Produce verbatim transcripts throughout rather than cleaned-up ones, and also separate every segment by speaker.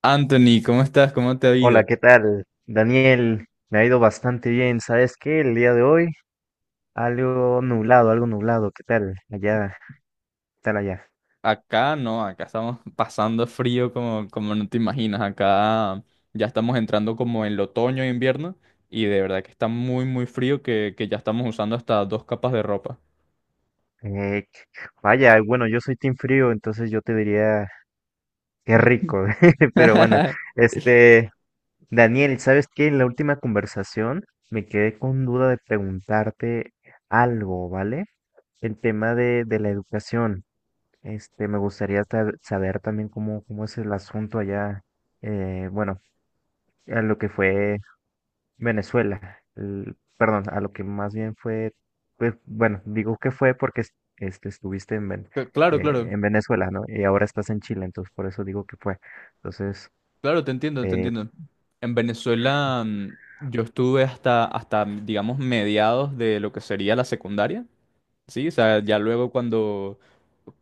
Speaker 1: Anthony, ¿cómo estás? ¿Cómo te ha
Speaker 2: Hola,
Speaker 1: ido?
Speaker 2: ¿qué tal? Daniel, me ha ido bastante bien. ¿Sabes qué? El día de hoy, algo nublado, algo nublado. ¿Qué tal? Allá, ¿qué tal allá?
Speaker 1: Acá no, acá estamos pasando frío como, como no te imaginas. Acá ya estamos entrando como en el otoño e invierno y de verdad que está muy, muy frío que, que ya estamos usando hasta dos capas de ropa.
Speaker 2: Eh, Vaya, bueno, yo soy team frío, entonces yo te diría qué rico. Pero bueno, este, Daniel, ¿sabes qué? En la última conversación me quedé con duda de preguntarte algo, ¿vale? El tema de, de la educación. Este, me gustaría sab- saber también cómo, cómo es el asunto allá eh, bueno, a lo que fue Venezuela, el- perdón, a lo que más bien fue, pues, bueno, digo que fue porque es- este, estuviste en, Ven-
Speaker 1: C- Claro,
Speaker 2: eh,
Speaker 1: claro,
Speaker 2: en Venezuela, ¿no? Y ahora estás en Chile, entonces por eso digo que fue. Entonces,
Speaker 1: claro, te entiendo, te
Speaker 2: eh,
Speaker 1: entiendo. En Venezuela mm, yo estuve hasta, hasta, digamos, mediados de lo que sería la secundaria. Sí, o sea, ya luego cuando,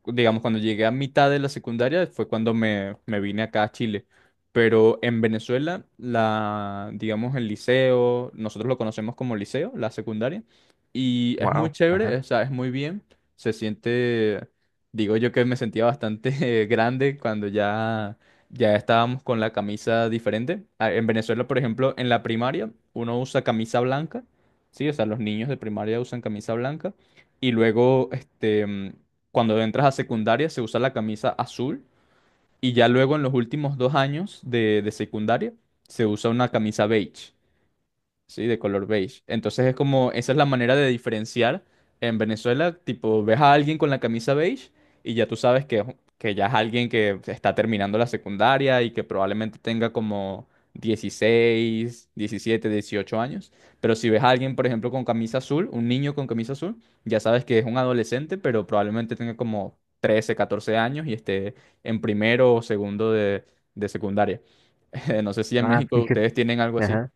Speaker 1: digamos, cuando llegué a mitad de la secundaria fue cuando me, me vine acá a Chile. Pero en Venezuela, la, digamos, el liceo, nosotros lo conocemos como liceo, la secundaria, y es
Speaker 2: wow,
Speaker 1: muy
Speaker 2: ajá.
Speaker 1: chévere, o sea, es muy bien. Se siente, digo yo que me sentía bastante eh, grande cuando ya, ya estábamos con la camisa diferente. Ah, en Venezuela, por ejemplo, en la primaria, uno usa camisa blanca, sí, o sea, los niños de primaria usan camisa blanca. Y luego, este, mm, cuando entras a secundaria, se usa la camisa azul. Y ya luego en los últimos dos años de, de secundaria, se usa una camisa beige. Sí, de color beige. Entonces es como, esa es la manera de diferenciar. En Venezuela, tipo, ves a alguien con la camisa beige y ya tú sabes que, es- que ya es alguien que está terminando la secundaria y que probablemente tenga como dieciséis, diecisiete, dieciocho años. Pero si ves a alguien, por ejemplo, con camisa azul, un niño con camisa azul, ya sabes que es un adolescente, pero probablemente tenga como trece, catorce años y esté en primero o segundo de, de secundaria. No sé si en
Speaker 2: Ah,
Speaker 1: México
Speaker 2: fíjate,
Speaker 1: ustedes tienen algo así.
Speaker 2: ajá.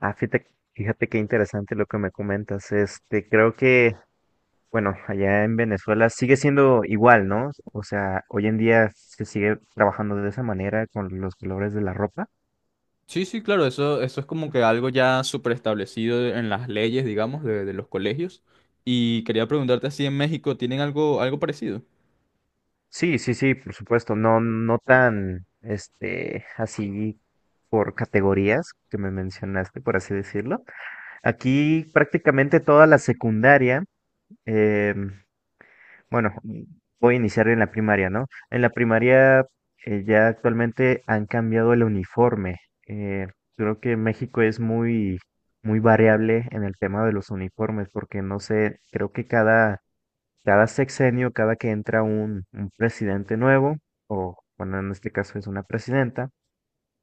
Speaker 2: Ah, fíjate, fíjate qué interesante lo que me comentas. Este, creo que, bueno, allá en Venezuela sigue siendo igual, ¿no? O sea, hoy en día se sigue trabajando de esa manera con los colores de la ropa.
Speaker 1: Sí, sí, claro, eso, eso es como que algo ya súper establecido en las leyes, digamos, de, de los colegios. Y quería preguntarte si en México tienen algo, algo parecido.
Speaker 2: Sí, sí, sí, por supuesto, no, no tan, este, así por categorías que me mencionaste, por así decirlo. Aquí prácticamente toda la secundaria, em, bueno, voy a iniciar en la primaria, ¿no? En la primaria eh, ya actualmente han cambiado el uniforme. Eh, Creo que México es muy, muy variable en el tema de los uniformes, porque no sé, creo que cada cada sexenio, cada que entra un, un presidente nuevo, o bueno, en este caso es una presidenta,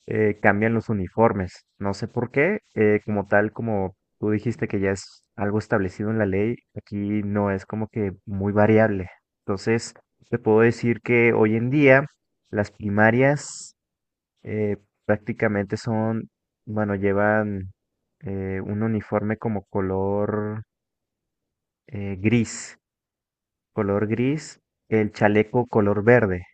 Speaker 2: eh, cambian los uniformes. No sé por qué, eh, como tal, como tú dijiste que ya es algo establecido en la ley, aquí no es como que muy variable. Entonces, te puedo decir que hoy en día las primarias eh, prácticamente son, bueno, llevan eh, un uniforme como color eh, gris color gris, el chaleco color verde.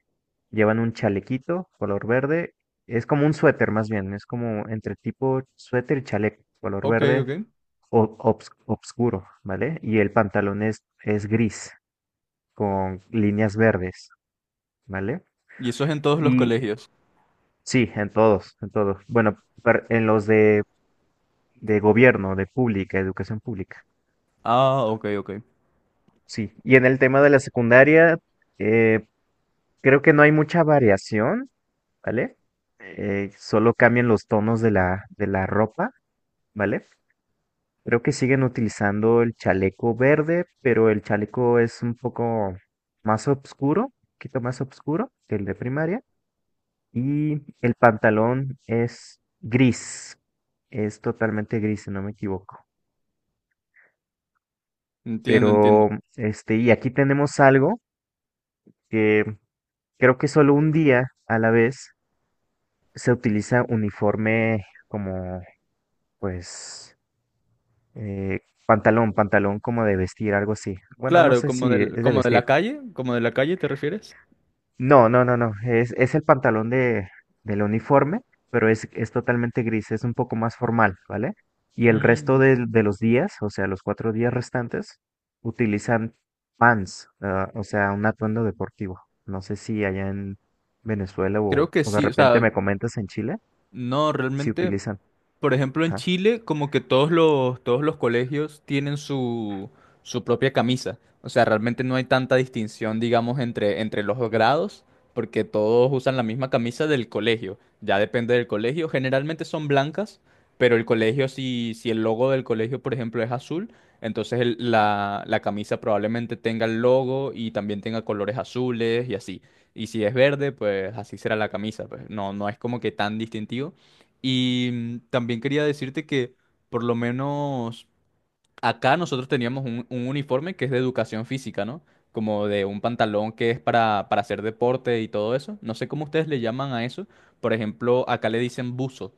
Speaker 2: Llevan un chalequito color verde, es como un suéter más bien, es como entre tipo suéter y chaleco color
Speaker 1: Ok,
Speaker 2: verde
Speaker 1: ok.
Speaker 2: o- obs- obscuro, ¿vale? Y el pantalón es, es gris con líneas verdes, ¿vale?
Speaker 1: ¿Y eso es en todos los
Speaker 2: Y
Speaker 1: colegios?
Speaker 2: sí, en todos, en todos. Bueno, per- en los de, de gobierno, de pública, educación pública.
Speaker 1: Ah, ok, ok.
Speaker 2: Sí, y en el tema de la secundaria, eh, creo que no hay mucha variación, ¿vale? Eh, solo cambian los tonos de la, de la ropa, ¿vale? Creo que siguen utilizando el chaleco verde, pero el chaleco es un poco más oscuro, un poquito más oscuro que el de primaria. Y el pantalón es gris, es totalmente gris, si no me equivoco.
Speaker 1: Entiendo, entiendo.
Speaker 2: Pero, este, y aquí tenemos algo que creo que solo un día a la vez se utiliza uniforme como, pues, Eh, pantalón, pantalón como de vestir, algo así. Bueno, no
Speaker 1: Claro,
Speaker 2: sé
Speaker 1: como
Speaker 2: si
Speaker 1: del,
Speaker 2: es de
Speaker 1: como de
Speaker 2: vestir.
Speaker 1: la calle, como de la calle, ¿te refieres?
Speaker 2: No, no, no, no. Es, es el pantalón de, del uniforme, pero es, es totalmente gris, es un poco más formal, ¿vale? Y el resto
Speaker 1: Mm,
Speaker 2: del- de, los días, o sea, los cuatro días restantes, utilizan pants, ah, o sea, un atuendo deportivo. No sé si allá en Venezuela o,
Speaker 1: Creo que
Speaker 2: o de
Speaker 1: sí, o
Speaker 2: repente
Speaker 1: sea,
Speaker 2: me comentas en Chile,
Speaker 1: no,
Speaker 2: si
Speaker 1: realmente.
Speaker 2: utilizan.
Speaker 1: Por ejemplo, en
Speaker 2: Ajá.
Speaker 1: Chile, como que todos los, todos los colegios tienen su, su propia camisa. O sea, realmente no hay tanta distinción, digamos, entre, entre los dos grados, porque todos usan la misma camisa del colegio. Ya depende del colegio. Generalmente son blancas, pero el colegio, si, si el logo del colegio, por ejemplo, es azul, entonces el- la, la camisa probablemente tenga el logo y también tenga colores azules y así. Y si es verde, pues así será la camisa. Pues no, no es como que tan distintivo. Y mm, también quería decirte que por lo menos acá nosotros teníamos un, un uniforme que es de educación física, ¿no? Como de un pantalón que es para, para hacer deporte y todo eso. No sé cómo ustedes le llaman a eso. Por ejemplo, acá le dicen buzo,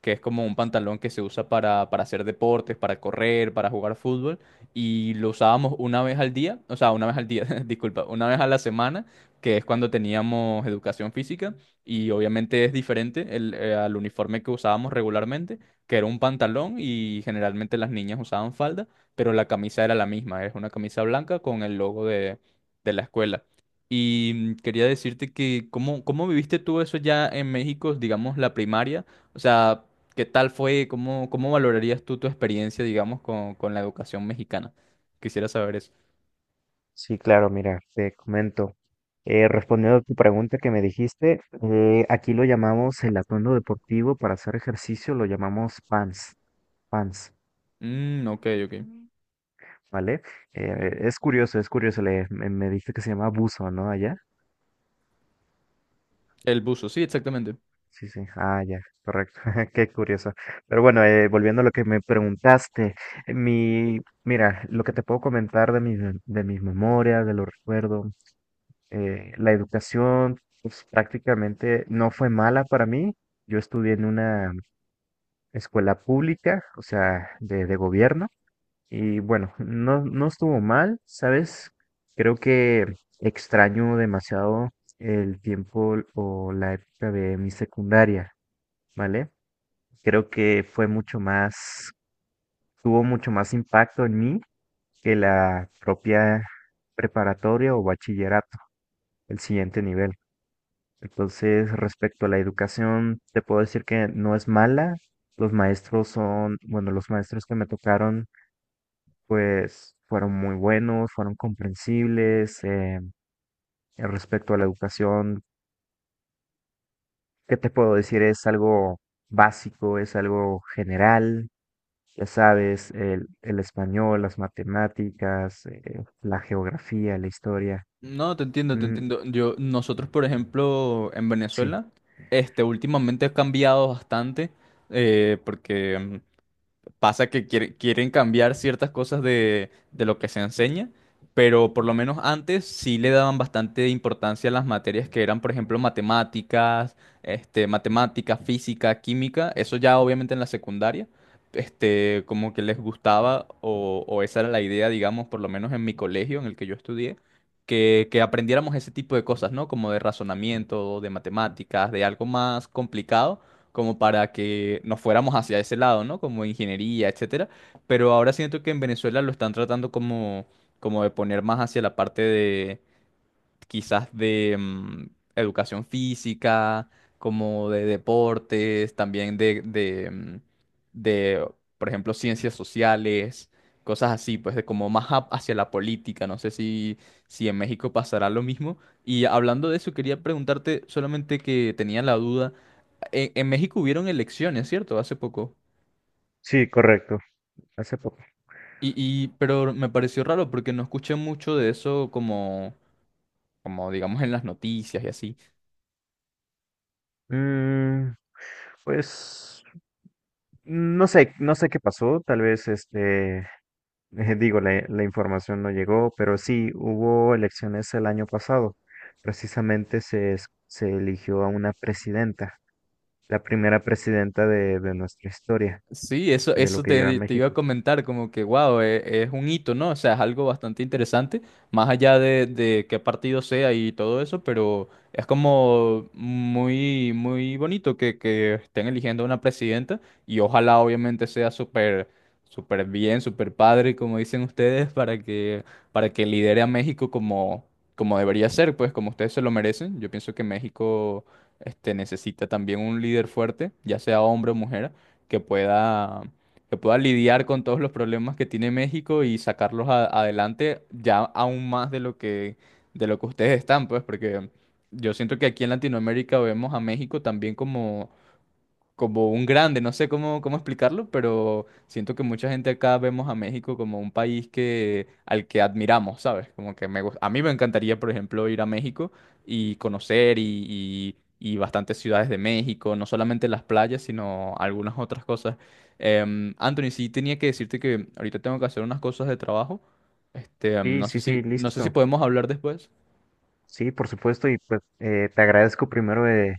Speaker 1: que es como un pantalón que se usa para, para hacer deportes, para correr, para jugar fútbol, y lo usábamos una vez al día, o sea, una vez al día, disculpa, una vez a la semana, que es cuando teníamos educación física, y obviamente es diferente el, eh, al uniforme que usábamos regularmente, que era un pantalón y generalmente las niñas usaban falda, pero la camisa era la misma, es una camisa blanca con el logo de, de la escuela. Y mm, quería decirte que, ¿cómo, cómo viviste tú eso ya en México, digamos, la primaria? O sea, ¿qué tal fue? ¿Cómo, cómo valorarías tú tu experiencia, digamos, con, con la educación mexicana? Quisiera saber eso.
Speaker 2: Sí, claro, mira, te comento. Eh, respondiendo a tu pregunta que me dijiste, eh, aquí lo llamamos el atuendo deportivo para hacer ejercicio, lo llamamos pants, pants.
Speaker 1: Mm, ok, ok.
Speaker 2: Mm. ¿Vale? Eh, es curioso, es curioso, le, me, me dijiste que se llama buzo, ¿no? Allá.
Speaker 1: El buzo, sí, exactamente.
Speaker 2: Sí, sí, ah, ya, correcto, qué curioso. Pero bueno, eh, volviendo a lo que me preguntaste, mi, mira, lo que te puedo comentar de mis, de mis memorias, de los recuerdos, eh, la educación pues, prácticamente no fue mala para mí. Yo estudié en una escuela pública, o sea, de, de gobierno, y bueno, no, no estuvo mal, ¿sabes? Creo que extraño demasiado el tiempo o la época de mi secundaria, ¿vale? Creo que fue mucho más, tuvo mucho más impacto en mí que la propia preparatoria o bachillerato, el siguiente nivel. Entonces, respecto a la educación, te puedo decir que no es mala. Los maestros son, bueno, los maestros que me tocaron, pues fueron muy buenos, fueron comprensibles. Eh, respecto a la educación, ¿qué te puedo decir? Es algo básico, es algo general. Ya sabes, el, el español, las matemáticas, eh, la geografía, la historia.
Speaker 1: No, te entiendo, te
Speaker 2: Mm,
Speaker 1: entiendo. Yo, nosotros, por ejemplo, en
Speaker 2: sí,
Speaker 1: Venezuela, este, últimamente ha cambiado bastante, eh, porque mm, pasa que quiere- quieren cambiar ciertas cosas de, de lo que se enseña, pero por lo menos antes sí le daban bastante importancia a las materias que eran, por ejemplo, matemáticas, este, matemática, física, química, eso ya obviamente en la secundaria, este, como que les gustaba o, o esa era la idea, digamos, por lo menos en mi colegio en el que yo estudié. Que, que aprendiéramos ese tipo de cosas, ¿no? Como de razonamiento, de matemáticas, de algo más complicado como para que nos fuéramos hacia ese lado, ¿no? Como ingeniería, etcétera. Pero ahora siento que en Venezuela lo están tratando como, como de poner más hacia la parte de quizás de mm, educación física, como de deportes, también de, de, mm, de, por ejemplo, ciencias sociales, cosas así, pues de como más hap- hacia la política. No sé si, si en México pasará lo mismo. Y hablando de eso, quería preguntarte, solamente que tenía la duda. En, en México hubieron elecciones, ¿cierto? Hace poco.
Speaker 2: sí, correcto. Hace poco.
Speaker 1: Y, y, pero me pareció raro porque no escuché mucho de eso como, como digamos en las noticias y así.
Speaker 2: Mm, pues no sé, no sé qué pasó, tal vez este, digo, la, la información no llegó, pero sí, hubo elecciones el año pasado. Precisamente se, es- se eligió a una presidenta, la primera presidenta de, de nuestra historia,
Speaker 1: Sí, eso,
Speaker 2: de lo
Speaker 1: eso
Speaker 2: que lleva
Speaker 1: te, te iba a
Speaker 2: México.
Speaker 1: comentar, como que, wow, es, un hito, ¿no? O sea, es algo bastante interesante, más allá de, de qué partido sea y todo eso, pero es como muy, muy bonito que, que estén eligiendo una presidenta y ojalá obviamente sea súper, súper bien, súper padre, como dicen ustedes, para que, para que lidere a México como, como debería ser, pues como ustedes se lo merecen. Yo pienso que México, este, necesita también un líder fuerte, ya sea hombre o mujer que pueda, que pueda lidiar con todos los problemas que tiene México y sacarlos a- adelante ya aún más de lo que, de lo que ustedes están, pues, porque yo siento que aquí en Latinoamérica vemos a México también como como un grande, no sé cómo, cómo explicarlo, pero siento que mucha gente acá vemos a México como un país que, al que admiramos, ¿sabes? Como que me, gus- a mí me encantaría, por ejemplo, ir a México y conocer y, y- y bastantes ciudades de México, no solamente las playas, sino algunas otras cosas. Em, Anthony, sí tenía que decirte que ahorita tengo que hacer unas cosas de trabajo. Este, em,
Speaker 2: Sí,
Speaker 1: no sé
Speaker 2: sí, sí,
Speaker 1: si, no sé si
Speaker 2: listo.
Speaker 1: podemos hablar después.
Speaker 2: Sí, por supuesto, y pues eh, te agradezco primero, eh,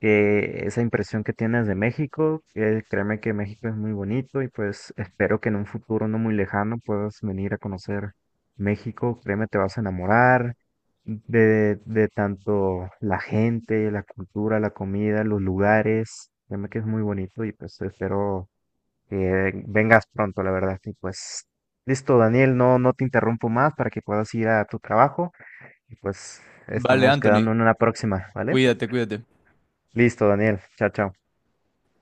Speaker 2: que esa impresión que tienes de México, que créeme que México es muy bonito y pues espero que en un futuro no muy lejano puedas venir a conocer México, créeme te vas a enamorar de, de tanto la gente, la cultura, la comida, los lugares, créeme que es muy bonito y pues espero que vengas pronto, la verdad, y pues listo, Daniel, no, no te interrumpo más para que puedas ir a tu trabajo y pues
Speaker 1: Vale,
Speaker 2: estamos
Speaker 1: Anthony,
Speaker 2: quedando en una próxima, ¿vale?
Speaker 1: cuídate, cuídate.
Speaker 2: Listo, Daniel, chao, chao.